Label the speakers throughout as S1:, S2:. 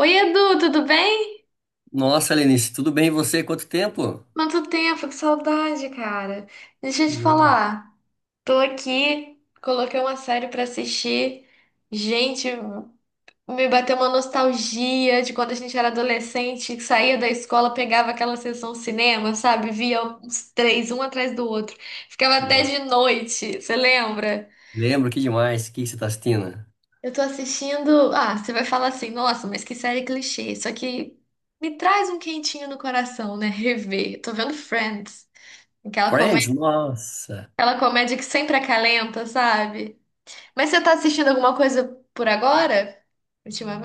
S1: Oi, Edu, tudo bem?
S2: Nossa, Lenice, tudo bem e você? Quanto tempo?
S1: Quanto tempo, que saudade, cara. Deixa eu te
S2: Nossa,
S1: falar. Tô aqui, coloquei uma série pra assistir. Gente, me bateu uma nostalgia de quando a gente era adolescente, que saía da escola, pegava aquela sessão cinema, sabe? Via uns três, um atrás do outro. Ficava até
S2: nossa.
S1: de noite, você lembra?
S2: Lembro, que demais. O que que você tá assistindo?
S1: Eu tô assistindo. Ah, você vai falar assim, nossa, mas que série clichê. Só que me traz um quentinho no coração, né? Rever. Tô vendo Friends. Aquela
S2: Friends?
S1: comédia,
S2: Nossa.
S1: aquela comédia que sempre acalenta, sabe? Mas você tá assistindo alguma coisa por agora?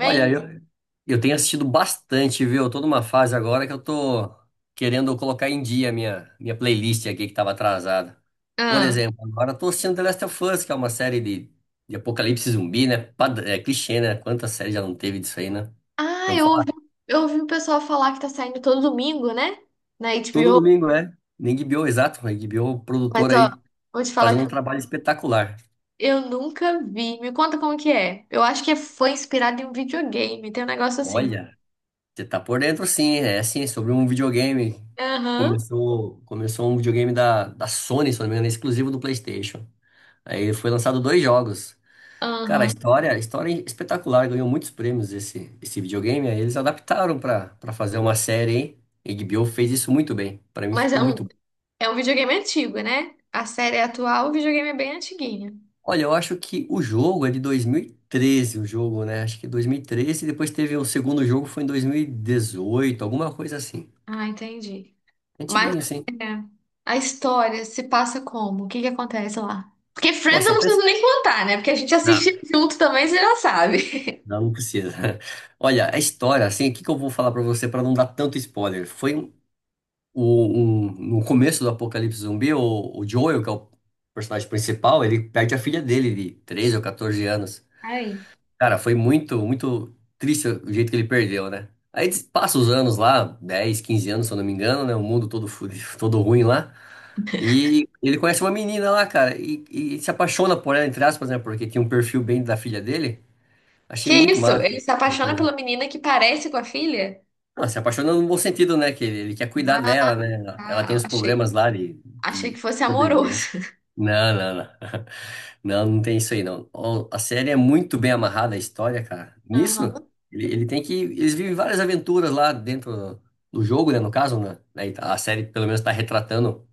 S2: Olha, eu tenho assistido bastante, viu? Eu tô numa fase agora que eu tô querendo colocar em dia a minha playlist aqui que tava atrasada. Por
S1: Ah,
S2: exemplo, agora eu tô assistindo The Last of Us, que é uma série de apocalipse zumbi, né? É clichê, né? Quantas séries já não teve disso aí, né?
S1: ah
S2: Eu vou
S1: eu
S2: falar.
S1: ouvi, eu ouvi o pessoal falar que tá saindo todo domingo, né? Na
S2: Todo
S1: HBO.
S2: domingo, é. Na HBO, exato. Na HBO, o
S1: Mas,
S2: produtor
S1: ó,
S2: aí
S1: vou te falar
S2: fazendo um
S1: que
S2: trabalho espetacular.
S1: eu nunca vi. Me conta como que é. Eu acho que é, foi inspirado em um videogame. Tem um negócio assim.
S2: Olha. Você tá por dentro, sim. É assim, sobre um videogame.
S1: Aham,
S2: Começou um videogame da Sony, se não me engano, exclusivo do PlayStation. Aí foi lançado dois jogos. Cara, a
S1: aham.
S2: história, a história é espetacular, ganhou muitos prêmios esse videogame. Aí eles adaptaram pra para fazer uma série, hein? A HBO fez isso muito bem. Pra mim
S1: Mas
S2: ficou muito bom.
S1: é um videogame antigo, né? A série é atual, o videogame é bem antiguinho.
S2: Olha, eu acho que o jogo é de 2013, o jogo, né? Acho que 2013, depois teve o segundo jogo, foi em 2018, alguma coisa assim.
S1: Ah, entendi. Mas
S2: Antiguinho, assim.
S1: é, a história se passa como? O que que acontece lá? Porque Friends eu
S2: Nossa,
S1: não
S2: pensa.
S1: preciso nem contar, né? Porque a gente assiste
S2: Ah,
S1: junto também, você já sabe.
S2: não, precisa. Olha, a história, assim, o que que eu vou falar pra você pra não dar tanto spoiler? Um- no começo do Apocalipse Zumbi, o Joel, que é o personagem principal, ele perde a filha dele de 13 ou 14 anos.
S1: Ai.
S2: Cara, foi muito, muito triste o jeito que ele perdeu, né? Aí passa os anos lá, 10 15 anos, se eu não me engano, né? O mundo todo fudido, todo ruim lá. E ele conhece uma menina lá, cara, e se apaixona por ela, entre aspas, né? Porque tinha um perfil bem da filha dele. Achei
S1: Que
S2: muito
S1: isso?
S2: massa.
S1: Ele se apaixona pela menina que parece com a filha?
S2: Não, se apaixona no bom sentido, né? Que ele quer cuidar
S1: Ah,
S2: dela, né? Ela tem
S1: tá.
S2: os
S1: achei,
S2: problemas lá de,
S1: achei que
S2: de
S1: fosse amoroso.
S2: sobrevivência. Não, não, não. Não, não tem isso aí, não. Ó, a série é muito bem amarrada, a história, cara. Nisso,
S1: Aham.
S2: ele tem que. Eles vivem várias aventuras lá dentro do jogo, né? No caso, né? Né, a série, pelo menos, está retratando,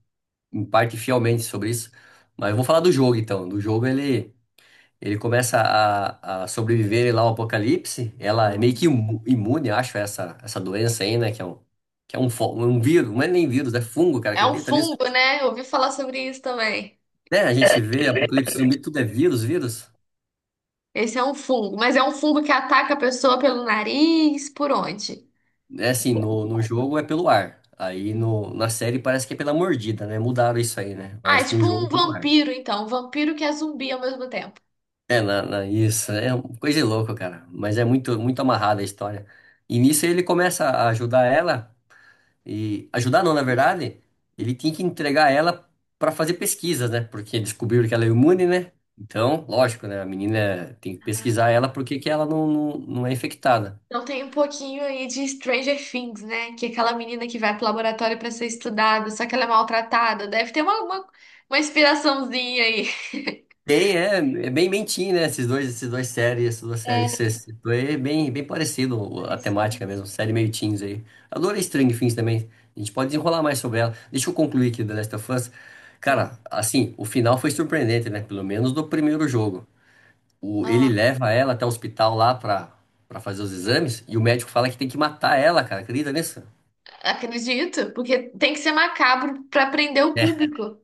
S2: em parte, fielmente sobre isso. Mas eu vou falar do jogo, então. Do jogo, ele. Ele começa a sobreviver lá ao apocalipse. Ela é meio
S1: Aham.
S2: que imune, acho, a essa doença aí, né? Que é um, fo- um vírus, não é nem vírus, é fungo, cara,
S1: É um
S2: acredita nisso?
S1: fungo, né? Eu ouvi falar sobre isso também.
S2: É, a gente vê apocalipse zumbi, tudo é vírus, vírus.
S1: Esse é um fungo, mas é um fungo que ataca a pessoa pelo nariz, por onde?
S2: É assim, no jogo é pelo ar. Aí no, na série parece que é pela mordida, né? Mudaram isso aí, né?
S1: Ah, é
S2: Mas no
S1: tipo
S2: jogo
S1: um
S2: é pelo ar.
S1: vampiro, então. Um vampiro que é zumbi ao mesmo tempo.
S2: É, isso, é uma coisa de louco, cara. Mas é muito, muito amarrada a história. E nisso ele começa a ajudar ela. E ajudar não, na verdade, ele tinha que entregar ela para fazer pesquisas, né? Porque descobriram que ela é imune, né? Então, lógico, né? A menina tem que pesquisar ela porque que ela não, não, não é infectada.
S1: Então tem um pouquinho aí de Stranger Things, né? Que é aquela menina que vai pro laboratório pra ser estudada, só que ela é maltratada. Deve ter uma inspiraçãozinha aí.
S2: Tem, é bem mentinho, né? Essas duas séries
S1: É,
S2: que você citou, é bem, bem parecido a
S1: parece.
S2: temática mesmo, série meio teens aí. Adorei Stranger Things também. A gente pode desenrolar mais sobre ela. Deixa eu concluir aqui The Last of Us.
S1: Tá.
S2: Cara, assim, o final foi surpreendente, né? Pelo menos do primeiro jogo. Ele
S1: Ah,
S2: leva ela até o hospital lá pra fazer os exames e o médico fala que tem que matar ela, cara. Acredita nisso?
S1: acredito, porque tem que ser macabro pra prender o
S2: É,
S1: público,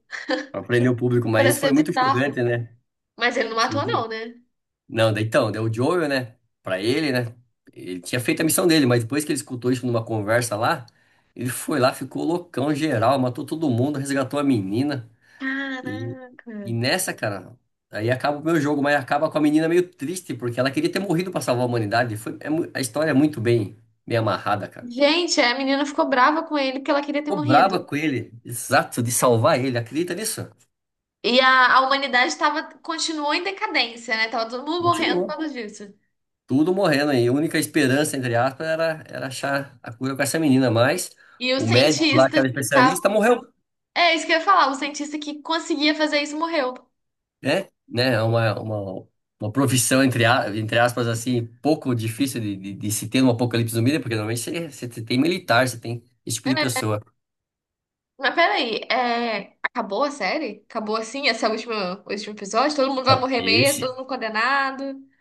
S2: pra prender o público,
S1: pra
S2: mas isso foi
S1: ser
S2: muito
S1: bizarro.
S2: chocante, né?
S1: Mas ele não matou,
S2: Sim.
S1: não, né?
S2: Não, daí então, daí o Joel, né? Pra ele, né? Ele tinha feito a missão dele, mas depois que ele escutou isso numa conversa lá, ele foi lá, ficou loucão geral, matou todo mundo, resgatou a menina. E,
S1: Caraca.
S2: e nessa, cara, aí acaba o meu jogo, mas acaba com a menina meio triste, porque ela queria ter morrido pra salvar a humanidade. A história é muito bem, bem amarrada, cara.
S1: Gente, a menina ficou brava com ele porque ela queria ter
S2: Ficou
S1: morrido.
S2: braba com ele. Exato, de salvar ele. Acredita nisso?
S1: E a humanidade tava, continuou em decadência, né? Tava todo mundo morrendo por
S2: Continuou.
S1: causa disso.
S2: Tudo morrendo aí. A única esperança, entre aspas, era achar a cura com essa menina. Mas
S1: E os
S2: o médico lá, que
S1: cientistas
S2: era
S1: que
S2: especialista, morreu.
S1: é isso que eu ia falar, o cientista que conseguia fazer isso morreu.
S2: Né? Né? É uma profissão, entre aspas, assim, pouco difícil de se ter no Apocalipse Zumbi, né? Porque normalmente você tem militar, você tem esse tipo de
S1: É,
S2: pessoa.
S1: mas peraí, é, acabou a série? Acabou assim? Esse é o último episódio? Todo mundo vai
S2: Não,
S1: morrer mesmo,
S2: Esse
S1: todo mundo condenado?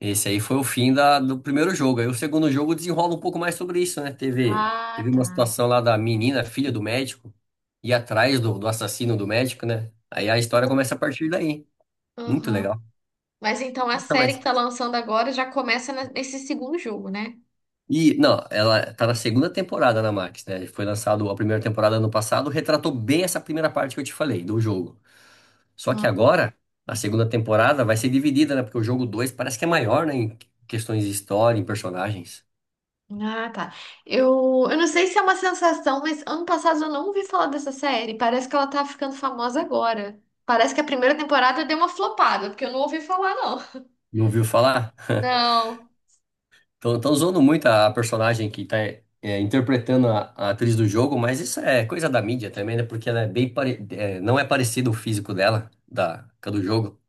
S2: Esse aí foi o fim do primeiro jogo. Aí o segundo jogo desenrola um pouco mais sobre isso, né? Teve
S1: Ah,
S2: uma
S1: tá.
S2: situação lá da menina, filha do médico, ir atrás do assassino do médico, né? Aí a história começa a partir daí. Muito
S1: Uhum.
S2: legal.
S1: Mas então a
S2: Nossa,
S1: série que
S2: mas.
S1: tá lançando agora já começa na- nesse segundo jogo, né?
S2: E, não, ela tá na segunda temporada na Max, né? Foi lançado a primeira temporada ano passado, retratou bem essa primeira parte que eu te falei, do jogo. Só que agora, a segunda temporada vai ser dividida, né? Porque o jogo 2 parece que é maior, né? Em questões de história, em personagens.
S1: Ah, tá. Eu não sei se é uma sensação, mas ano passado eu não ouvi falar dessa série. Parece que ela tá ficando famosa agora. Parece que a primeira temporada deu uma flopada, porque eu não ouvi falar, não.
S2: Não ouviu falar?
S1: Não.
S2: Estão usando muito a personagem que está interpretando a atriz do jogo, mas isso é coisa da mídia também, né? Porque ela é bem é, não é parecido o físico dela, com a do jogo.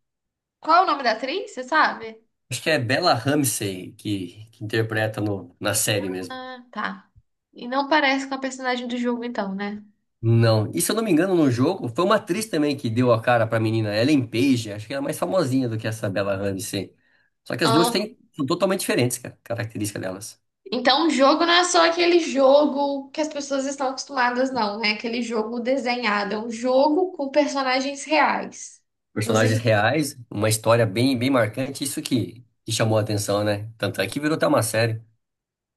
S1: Qual é o nome da atriz? Você sabe?
S2: Acho que é Bella Ramsey que interpreta na série mesmo.
S1: Ah, tá. E não parece com a personagem do jogo, então, né?
S2: Não, e se eu não me engano, no jogo, foi uma atriz também que deu a cara pra menina, Ellen Page, acho que ela é mais famosinha do que essa Bella Ramsey. Só que as duas
S1: Ah,
S2: têm, são totalmente diferentes, cara, característica delas.
S1: então, o jogo não é só aquele jogo que as pessoas estão acostumadas, não, né? Aquele jogo desenhado. É um jogo com personagens reais. Não sei
S2: Personagens
S1: se.
S2: reais, uma história bem, bem marcante, isso que chamou a atenção, né? Tanto é que virou até uma série.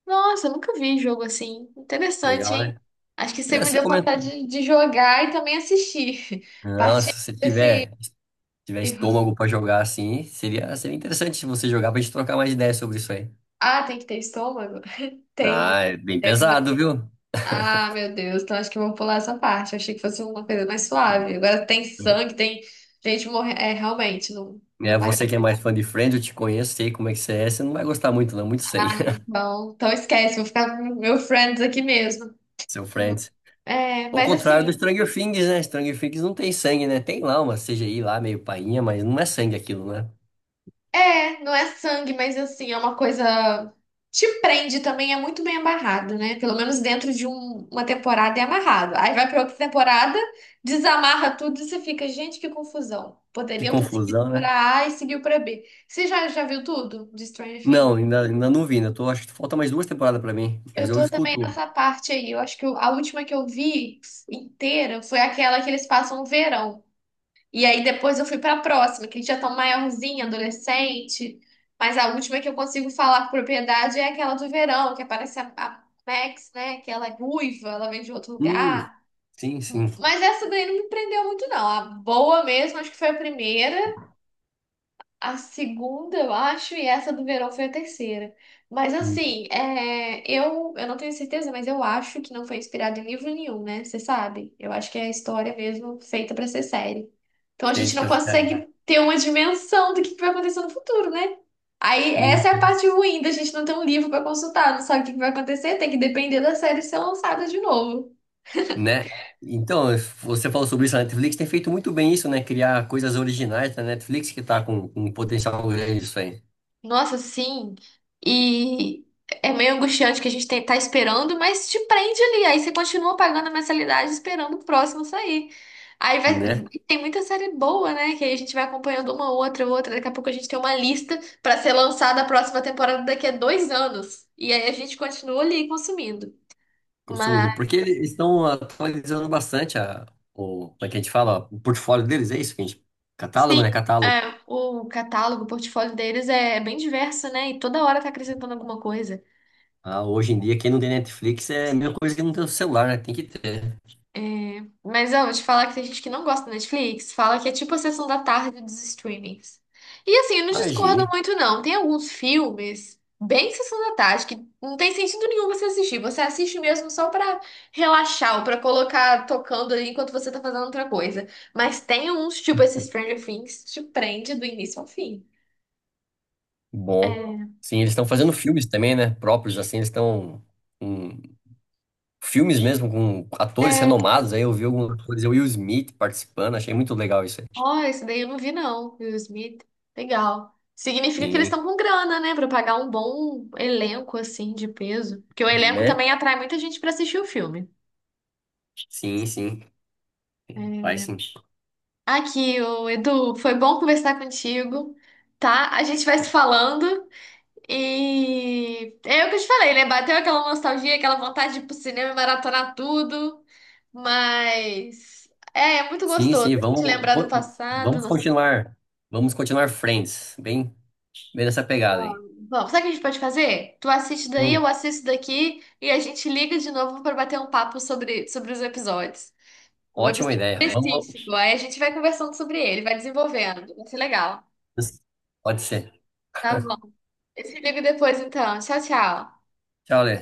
S1: Nossa, eu nunca vi um jogo assim. Interessante,
S2: Legal,
S1: hein?
S2: né?
S1: Acho que você
S2: É,
S1: me
S2: você
S1: deu
S2: comentou.
S1: vontade de jogar e também assistir.
S2: Não,
S1: Partindo
S2: se
S1: desse.
S2: tiver, se tiver estômago pra jogar assim, seria interessante se você jogar pra gente trocar mais ideias sobre isso aí.
S1: Ah, tem que ter estômago? Tem.
S2: Ah, é bem
S1: Tem
S2: pesado, viu?
S1: ah, meu Deus, então acho que eu vou pular essa parte. Eu achei que fosse uma coisa mais suave.
S2: Não.
S1: Agora tem sangue, tem gente morrendo. É, realmente, não,
S2: É,
S1: não vai dar.
S2: você que é mais fã de Friends, eu te conheço, sei como é que você é, você não vai gostar muito, não, muito sangue.
S1: Ah, então, então esquece, vou ficar com meu friends aqui mesmo.
S2: Seu Friends.
S1: É,
S2: Ao
S1: mas
S2: contrário do
S1: assim,
S2: Stranger Things, né? Stranger Things não tem sangue, né? Tem lá uma CGI lá, meio painha, mas não é sangue aquilo, né?
S1: é, não é sangue, mas assim, é uma coisa. Te prende também, é muito bem amarrado, né? Pelo menos dentro de um- uma temporada é amarrado. Aí vai pra outra temporada, desamarra tudo e você fica, gente, que confusão.
S2: Que
S1: Poderiam ter seguido
S2: confusão, né?
S1: pra A e seguiu pra B. Você já, já viu tudo de Stranger
S2: Não,
S1: Things?
S2: ainda não vi, ainda tô, acho que falta mais duas temporadas pra mim, mas
S1: Eu
S2: eu
S1: tô também
S2: escuto.
S1: nessa parte aí. Eu acho que eu- a última que eu vi inteira foi aquela que eles passam o verão. E aí depois eu fui pra próxima, que eles já estão maiorzinho, adolescente. Mas a última que eu consigo falar com propriedade é aquela do verão, que aparece a Max, né? Que ela é ruiva, ela vem de outro
S2: Hum,
S1: lugar.
S2: sim, sim.
S1: Mas essa daí não me prendeu muito, não. A boa mesmo, acho que foi a primeira a segunda, eu acho, e essa do verão foi a terceira. Mas
S2: Hum,
S1: assim, é, eu não tenho certeza, mas eu acho que não foi inspirado em livro nenhum, né? Você sabe? Eu acho que é a história mesmo feita pra ser série. Então a gente
S2: sei
S1: não
S2: pra série.
S1: consegue ter uma dimensão do que vai acontecer no futuro, né? Aí
S2: Hum,
S1: essa é a parte ruim da gente não ter um livro pra consultar, não sabe o que vai acontecer, tem que depender da série ser lançada de novo.
S2: né? Então, você falou sobre isso, a Netflix tem feito muito bem isso, né? Criar coisas originais da Netflix que tá com um potencial grande isso aí,
S1: Nossa, sim. E é meio angustiante que a gente tem- tá esperando, mas te prende ali. Aí você continua pagando a mensalidade esperando o próximo sair. Aí vai,
S2: né?
S1: tem muita série boa, né? Que aí a gente vai acompanhando uma outra, outra. Daqui a pouco a gente tem uma lista pra ser lançada a próxima temporada daqui a dois anos. E aí a gente continua ali consumindo.
S2: Consumindo.
S1: Mas,
S2: Porque eles estão atualizando bastante como é que a gente fala? O portfólio deles, é isso que a gente. Catálogo, né?
S1: sim,
S2: Catálogo.
S1: é, o catálogo, o portfólio deles é bem diverso, né? E toda hora tá acrescentando alguma coisa.
S2: Ah, hoje em dia, quem não tem Netflix é a mesma coisa que não tem o celular, né? Tem que ter.
S1: Mas eu vou te falar que tem gente que não gosta da Netflix, fala que é tipo a sessão da tarde dos streamings. E assim, eu não discordo
S2: Imagine.
S1: muito, não. Tem alguns filmes bem sessão da tarde que não tem sentido nenhum você assistir. Você assiste mesmo só pra relaxar ou pra colocar tocando ali enquanto você tá fazendo outra coisa. Mas tem uns, tipo esse Stranger Things, que te prende do início ao fim.
S2: Bom.
S1: É.
S2: Sim, eles estão fazendo filmes também, né? Próprios, assim, eles estão com filmes mesmo, com atores
S1: É,
S2: renomados. Aí eu vi alguns atores, o Will Smith participando, achei muito legal isso aí.
S1: ó, esse daí eu não vi, não. Will Smith. Legal. Significa que eles
S2: Sim,
S1: estão com grana, né? Pra pagar um bom elenco, assim, de peso. Porque o elenco
S2: né?
S1: também atrai muita gente pra assistir o filme.
S2: Sim, sim.
S1: É.
S2: Vai sim.
S1: Aqui, o Edu, foi bom conversar contigo, tá? A gente vai se falando e é o que eu te falei, né? Bateu aquela nostalgia, aquela vontade de ir pro cinema e maratonar tudo, mas é, é muito
S2: Sim,
S1: gostoso
S2: sim,
S1: a
S2: vamos,
S1: gente lembrar do passado,
S2: vamos continuar. Vamos continuar Friends. Bem, bem nessa pegada aí.
S1: vamos, vamos. Sabe o que a gente pode fazer? Tu assiste daí,
S2: Hum,
S1: eu assisto daqui e a gente liga de novo para bater um papo sobre, sobre os episódios. Um
S2: ótima
S1: episódio
S2: ideia.
S1: é, específico.
S2: Vamos.
S1: Aí a gente vai conversando sobre ele, vai desenvolvendo. Vai ser legal.
S2: Pode ser.
S1: Tá bom. Eu te ligo depois, então. Tchau, tchau.
S2: Tchau, Lê.